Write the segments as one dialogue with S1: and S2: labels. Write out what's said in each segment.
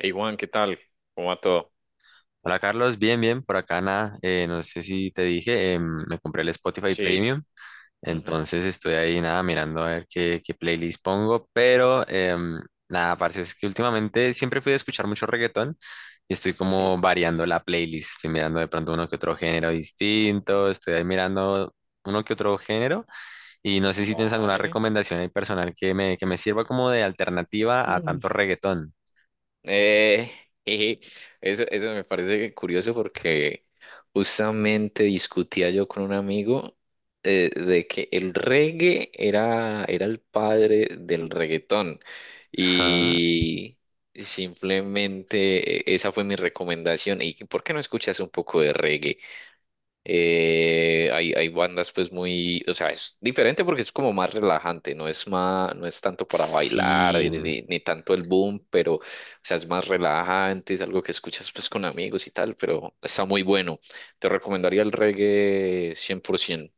S1: Hey Juan, ¿qué tal? ¿Cómo va todo?
S2: Hola Carlos, bien, bien, por acá nada, no sé si te dije, me compré el Spotify
S1: Sí,
S2: Premium,
S1: ujú,
S2: entonces estoy ahí nada mirando a ver qué playlist pongo, pero nada, parece es que últimamente siempre fui a escuchar mucho reggaetón y estoy como
S1: sí.
S2: variando la playlist, estoy mirando de pronto uno que otro género distinto, estoy ahí mirando uno que otro género y no sé si tienes alguna
S1: Vale.
S2: recomendación ahí personal que me sirva como de alternativa a
S1: Mm.
S2: tanto reggaetón.
S1: Eh, jeje, Eso me parece curioso porque justamente discutía yo con un amigo de que el reggae era el padre del reggaetón
S2: Ajá.
S1: y simplemente esa fue mi recomendación. ¿Y por qué no escuchas un poco de reggae? Hay bandas pues muy, o sea, es diferente porque es como más relajante, no es más, no es tanto para bailar ni,
S2: Sí.
S1: ni tanto el boom, pero, o sea, es más relajante, es algo que escuchas pues con amigos y tal, pero está muy bueno. Te recomendaría el reggae 100%.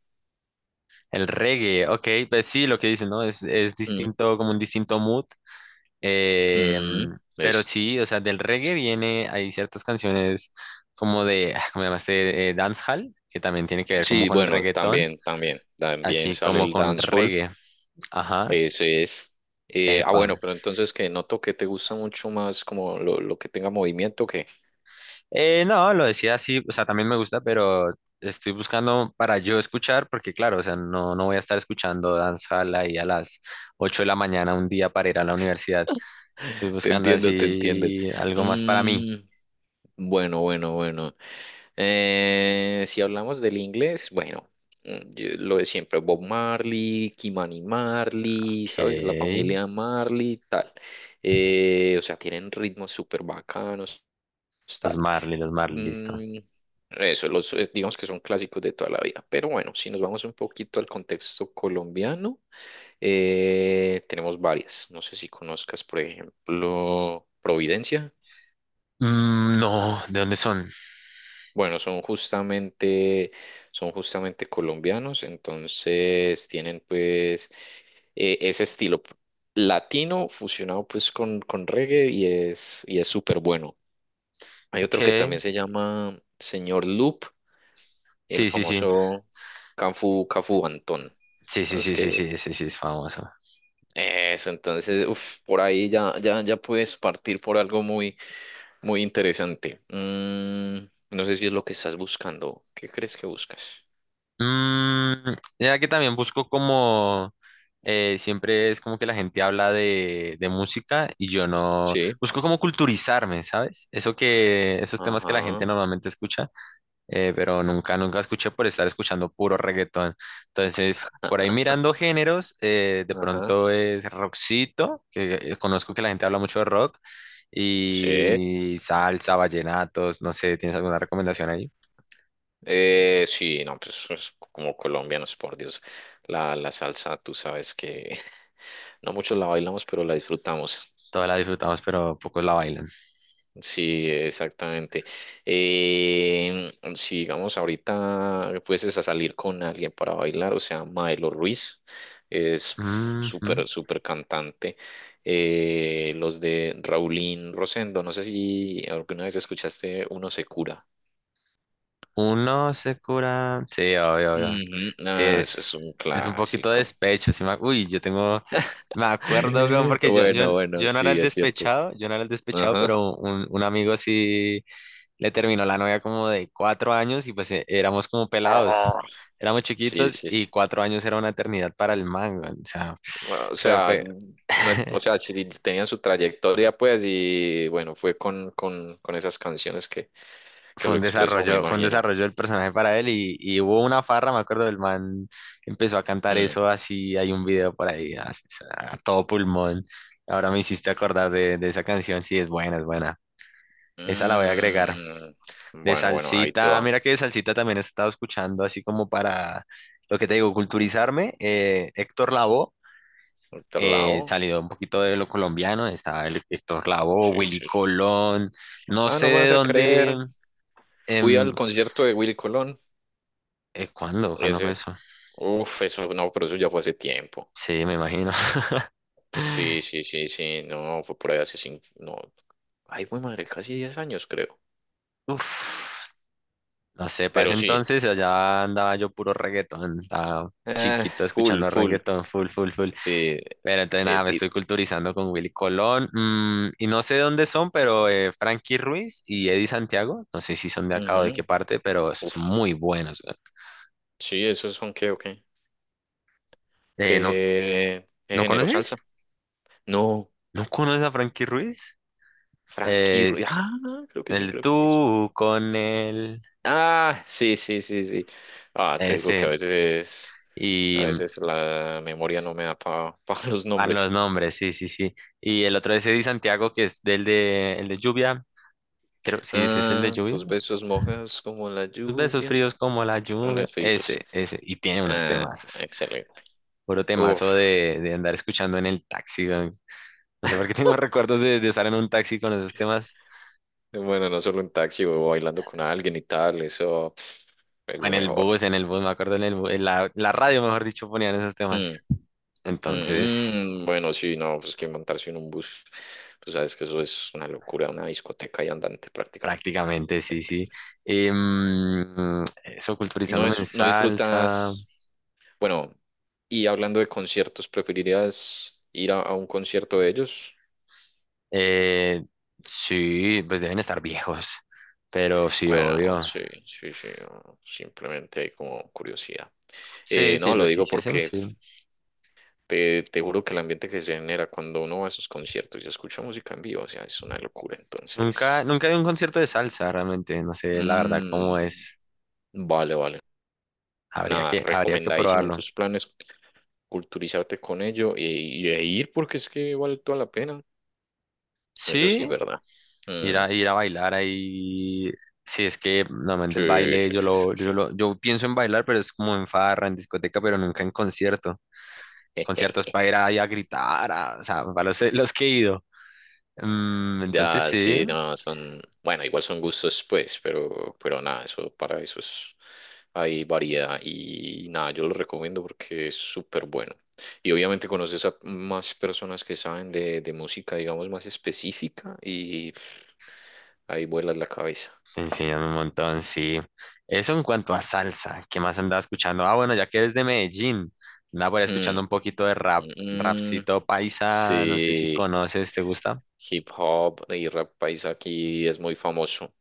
S2: El reggae, ok, pues sí, lo que dicen, ¿no? Es
S1: Mm,
S2: distinto, como un distinto mood. eh,
S1: mm,
S2: pero sí, o sea, del reggae viene, hay ciertas canciones como de, ¿cómo llamaste? Dancehall, que también tiene que ver como
S1: sí,
S2: con el
S1: bueno,
S2: reggaetón,
S1: también, también, también
S2: así
S1: sale
S2: como
S1: el
S2: con
S1: dancehall,
S2: reggae. Ajá,
S1: ese es.
S2: epa.
S1: Bueno, pero entonces que noto que te gusta mucho más como lo que tenga movimiento.
S2: No, lo decía así, o sea, también me gusta, pero estoy buscando para yo escuchar, porque claro, o sea, no voy a estar escuchando dancehall ahí a las 8 de la mañana un día para ir a la universidad. Estoy
S1: Te
S2: buscando
S1: entiendo, te entiendo.
S2: así algo más para mí.
S1: Mm, bueno, bueno, bueno. Si hablamos del inglés, bueno, mm, lo de siempre, Bob Marley, Kimani Marley,
S2: Ok.
S1: ¿sabes? La familia Marley, tal. O sea, tienen ritmos súper bacanos, tal.
S2: Los Marley, listo.
S1: Mm, eso, los, digamos que son clásicos de toda la vida. Pero bueno, si nos vamos un poquito al contexto colombiano, tenemos varias. No sé si conozcas, por ejemplo, Providencia.
S2: Mm, no, ¿de dónde son?
S1: Bueno, son justamente colombianos, entonces tienen pues ese estilo latino fusionado pues con reggae y es súper bueno. Hay
S2: Ok.
S1: otro que también se llama Señor Loop, el
S2: Sí, sí, sí.
S1: famoso Cafu, Cafu Antón.
S2: Sí, sí,
S1: Vamos
S2: sí, sí, sí,
S1: que
S2: ese sí, es famoso.
S1: eso, entonces, uf, por ahí ya, ya puedes partir por algo muy, muy interesante. Mm, no sé si es lo que estás buscando. ¿Qué crees que buscas?
S2: Mm, ya que también busco como... siempre es como que la gente habla de música y yo no...
S1: Sí.
S2: Busco como culturizarme, ¿sabes? Eso que... esos temas que la
S1: Ajá.
S2: gente normalmente escucha. Pero nunca, nunca escuché por estar escuchando puro reggaetón. Entonces, por ahí mirando géneros, de
S1: Ajá.
S2: pronto es rockcito, que conozco que la gente habla mucho de rock,
S1: Sí.
S2: y salsa, vallenatos, no sé, ¿tienes alguna recomendación ahí?
S1: Sí, no, pues, pues, como colombianos, por Dios, la salsa, tú sabes que no muchos la bailamos, pero la disfrutamos.
S2: Todas la disfrutamos, pero pocos la bailan.
S1: Sí, exactamente. Eh, si digamos ahorita fueses a salir con alguien para bailar, o sea, Maelo Ruiz es
S2: Ujú.
S1: súper, súper cantante. Los de Raulín Rosendo, no sé si alguna vez escuchaste Uno se cura.
S2: Uno se cura. Sí, obvio, obvio.
S1: Ujú,
S2: Sí,
S1: ah, eso es un
S2: es un poquito de
S1: clásico.
S2: despecho. Sí Uy, yo tengo. Me acuerdo, weón, porque
S1: Bueno, bueno,
S2: yo no era
S1: sí,
S2: el
S1: es cierto.
S2: despechado, yo no era el despechado,
S1: Ajá.
S2: pero un amigo sí le terminó la novia como de cuatro años y pues éramos como
S1: Ah.
S2: pelados. Éramos
S1: Sí,
S2: chiquitos
S1: sí, sí.
S2: y cuatro años era una eternidad para el man, weón. O sea,
S1: O sea,
S2: fue.
S1: no, o sea, sí tenían su trayectoria, pues, y bueno, fue con, con esas canciones que lo expresó, me
S2: Fue un
S1: imagino.
S2: desarrollo del personaje para él y hubo una farra, me acuerdo, el man empezó a cantar
S1: Mm,
S2: eso así, hay un video por ahí así, a todo pulmón. Ahora me hiciste acordar de esa canción, sí, es buena, es buena. Esa la voy a agregar.
S1: mm.
S2: De
S1: Bueno, bueno, ahí te
S2: salsita,
S1: va.
S2: mira que de salsita también he estado escuchando, así como para lo que te digo, culturizarme. Héctor Lavoe,
S1: Otro lado.
S2: salido un poquito de lo colombiano, estaba Héctor Lavoe,
S1: Sí,
S2: Willy
S1: sí, sí.
S2: Colón, no
S1: Ah,
S2: sé
S1: no me
S2: de
S1: vas a
S2: dónde.
S1: creer. Fui
S2: em,
S1: al concierto de Willy Colón.
S2: ¿Cuándo? ¿Cuándo fue
S1: Ese.
S2: eso?
S1: Uf, eso no, pero eso ya fue hace tiempo.
S2: Sí, me imagino.
S1: Sí, sí, sí, sí. No, fue por ahí hace cinco. No. Ay, güey, madre, casi 10 años, creo.
S2: Uf, no sé, para ese
S1: Pero sí.
S2: entonces allá andaba yo puro reggaetón, estaba
S1: Eh,
S2: chiquito
S1: full,
S2: escuchando
S1: full.
S2: reggaetón, full, full, full.
S1: Sí,
S2: Pero entonces nada,
S1: eh,
S2: me estoy
S1: y-
S2: culturizando con Willy Colón, mm, y no sé dónde son, pero Frankie Ruiz y Eddie Santiago, no sé si son de acá o de qué
S1: ujú.
S2: parte, pero son
S1: Uf,
S2: muy buenos, weón.
S1: sí, esos son que, ok,
S2: Eh, ¿no,
S1: qué
S2: ¿No
S1: género
S2: conoces?
S1: salsa. No,
S2: ¿No conoces a Frankie Ruiz? Eh,
S1: Ah, creo que sí,
S2: el
S1: creo que sí. es.
S2: tú con él,
S1: Ah, sí, sí, sí, sí. Ah, te digo que
S2: ese.
S1: a
S2: Y, mm,
S1: veces la memoria no me da para los
S2: van los
S1: nombres.
S2: nombres, sí, sí, sí. Y el otro es Eddie Santiago, que es el de lluvia. Creo, sí, ese es el de
S1: Ah,
S2: lluvia.
S1: tus besos mojados como la
S2: Tus besos
S1: lluvia.
S2: fríos como la lluvia.
S1: Unos besos.
S2: Ese, ese. Y tiene unos
S1: Ah,
S2: temazos.
S1: excelente.
S2: Puro
S1: Uf,
S2: temazo de andar escuchando en el taxi, güey. No sé por qué tengo recuerdos de estar en un taxi con esos temas.
S1: bueno, no solo en taxi o bailando con alguien y tal, eso pf, es
S2: O
S1: lo
S2: en el
S1: mejor.
S2: bus, me acuerdo en el bu- en la, la radio, mejor dicho, ponían esos
S1: Mm,
S2: temas. Entonces,
S1: mm, mm, bueno, sí, no, pues que montarse en un bus, tú sabes que eso es una locura, una discoteca y andante prácticamente.
S2: prácticamente, sí, sí. Em, eso,
S1: Y no,
S2: culturizándome en
S1: es, no
S2: salsa.
S1: disfrutas, bueno, y hablando de conciertos, ¿preferirías ir a un concierto de ellos?
S2: Eh, sí, pues deben estar viejos, pero sí,
S1: Bueno,
S2: obvio.
S1: sí, sí, sí, no, simplemente como curiosidad.
S2: Sí, sí,
S1: No, lo
S2: los
S1: digo
S2: hiciesen,
S1: porque
S2: sí.
S1: te juro que el ambiente que se genera cuando uno va a esos conciertos y escucha música en vivo, o sea, es una locura,
S2: Nunca,
S1: entonces...
S2: nunca he ido a un concierto de salsa, realmente. No sé, la verdad, cómo
S1: Mm,
S2: es.
S1: vale, vale. Nada,
S2: Habría que
S1: recomendadísimo en
S2: probarlo.
S1: tus planes, culturizarte con ello y, e ir porque es que vale toda la pena. Eso sí es
S2: Sí,
S1: verdad. Mm,
S2: ir a bailar ahí. Sí, es que normalmente el
S1: sí,
S2: baile,
S1: sí, sí, sí, sí.
S2: yo pienso en bailar, pero es como en farra, en discoteca, pero nunca en concierto. Conciertos para ir ahí a gritar, a- o sea, para los que he ido. Mm, entonces
S1: Ya,
S2: sí.
S1: sí, no, son, bueno, igual son gustos, pues, pero nada, eso para eso es, hay variedad y nada, yo lo recomiendo porque es súper bueno. Y obviamente conoces a más personas que saben de música, digamos, más específica y pff, ahí vuelas la cabeza.
S2: Te enseñan un montón, sí. Eso en cuanto a salsa, ¿qué más andaba escuchando? Ah, bueno, ya que es de Medellín, andaba por ahí escuchando
S1: Mm.
S2: un poquito de rap,
S1: Mm,
S2: rapcito paisa, no sé si
S1: sí,
S2: conoces, ¿te gusta?
S1: hip hop y rap paisa aquí es muy famoso.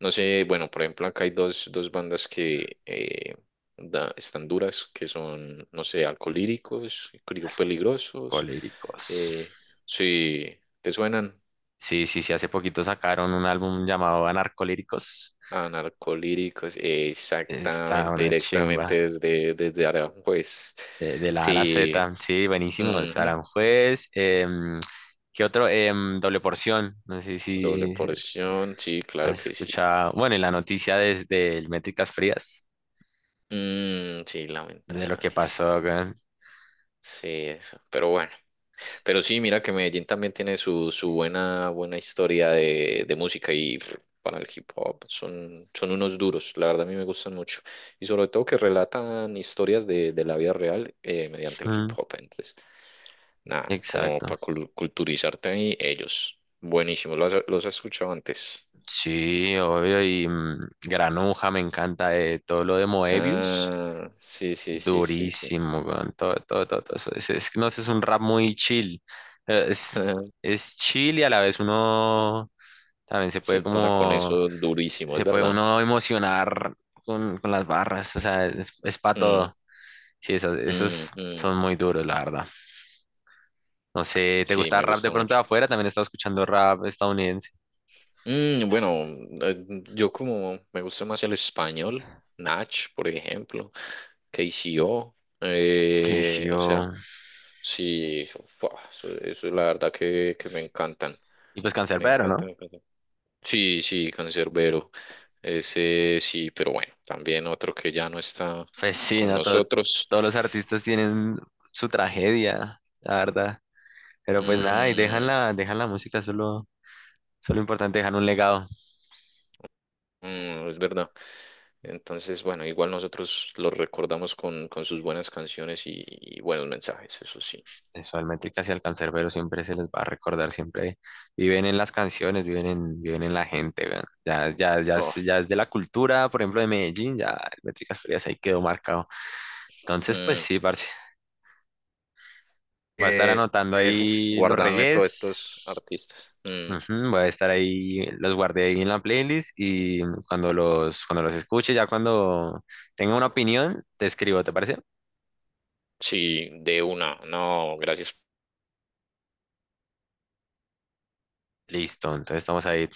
S1: No sé, bueno, por ejemplo, acá hay dos, dos bandas que están duras, que son, no sé, Alcolíricos, Crío Peligrosos.
S2: Coléricos.
S1: eh, sí, ¿te suenan?
S2: Sí, sí, sí, hace poquito sacaron un álbum llamado Anarcolíricos.
S1: Anarcolíricos,
S2: Está
S1: exactamente,
S2: una chimba,
S1: directamente desde, desde Aranjuez.
S2: de la A a la
S1: Sí,
S2: Z, sí, buenísimo, es
S1: ujú,
S2: Aranjuez. ¿Qué otro? Em, Doble Porción, no sé
S1: Doble
S2: si
S1: porción, sí, claro
S2: has
S1: que sí.
S2: escuchado, bueno, y la noticia desde el Métricas Frías,
S1: Mm, sí,
S2: de
S1: lamentable
S2: lo que
S1: noticia.
S2: pasó acá.
S1: Sí, eso. Pero bueno. Pero sí, mira que Medellín también tiene su, su buena, buena historia de música y pff, para el hip hop son, son unos duros. La verdad a mí me gustan mucho. Y sobre todo que relatan historias de la vida real mediante el hip
S2: Mm,
S1: hop. Entonces, nada, como
S2: exacto.
S1: para culturizarte ahí, ellos. Buenísimo. ¿Los, los has escuchado antes?
S2: Sí, obvio. Y mm, Granuja me encanta, todo lo de Moebius.
S1: Ah, sí, sí, sí, sí, sí.
S2: Durísimo, weón. Todo, todo, todo, todo eso. Es que no sé, es un rap muy chill. eh, Es, es chill y a la vez uno también se
S1: Se
S2: puede
S1: entona con
S2: como,
S1: eso durísimo,
S2: se
S1: es
S2: puede
S1: verdad.
S2: uno emocionar con las barras. O sea, es para
S1: Mm,
S2: todo. Sí, esos,
S1: mm,
S2: esos
S1: mm.
S2: son muy duros, la verdad. No sé, ¿te
S1: Sí,
S2: gusta
S1: me
S2: rap de
S1: gusta
S2: pronto
S1: mucho.
S2: de afuera? También he estado escuchando rap estadounidense.
S1: Mm, bueno, yo como me gusta más el español, Nach, por ejemplo, KCO,
S2: Que
S1: o
S2: hizo,
S1: sea, sí, eso, fua, eso es la verdad que me encantan,
S2: y pues
S1: me
S2: Canserbero,
S1: encantan,
S2: ¿no?
S1: me encantan. Sí, sí, Cancerbero, ese sí, pero bueno, también otro que ya no está
S2: Pues sí,
S1: con
S2: ¿no? Todo-
S1: nosotros.
S2: todos los artistas tienen su tragedia, la verdad. Pero pues nada, y
S1: Mm,
S2: dejan la música, solo, solo importante, dejan un legado.
S1: mm, es verdad. Entonces, bueno, igual nosotros los recordamos con sus buenas canciones y buenos mensajes, eso sí.
S2: Eso, al y al Canserbero siempre se les va a recordar, siempre viven en las canciones, viven en, viven en la gente, weón. Ya es,
S1: Oh,
S2: ya es de la cultura, por ejemplo, de Medellín, ya el Métricas Frías ahí quedó marcado. Entonces, pues
S1: mm,
S2: sí, parce, voy a estar
S1: eh,
S2: anotando
S1: uf,
S2: ahí los
S1: guárdame todos estos
S2: regués.
S1: artistas. Mm,
S2: Ujú, voy a estar ahí, los guardé ahí en la playlist y cuando los escuche, ya cuando tenga una opinión, te escribo, ¿te parece?
S1: sí, de una. No, gracias.
S2: Listo, entonces estamos ahí.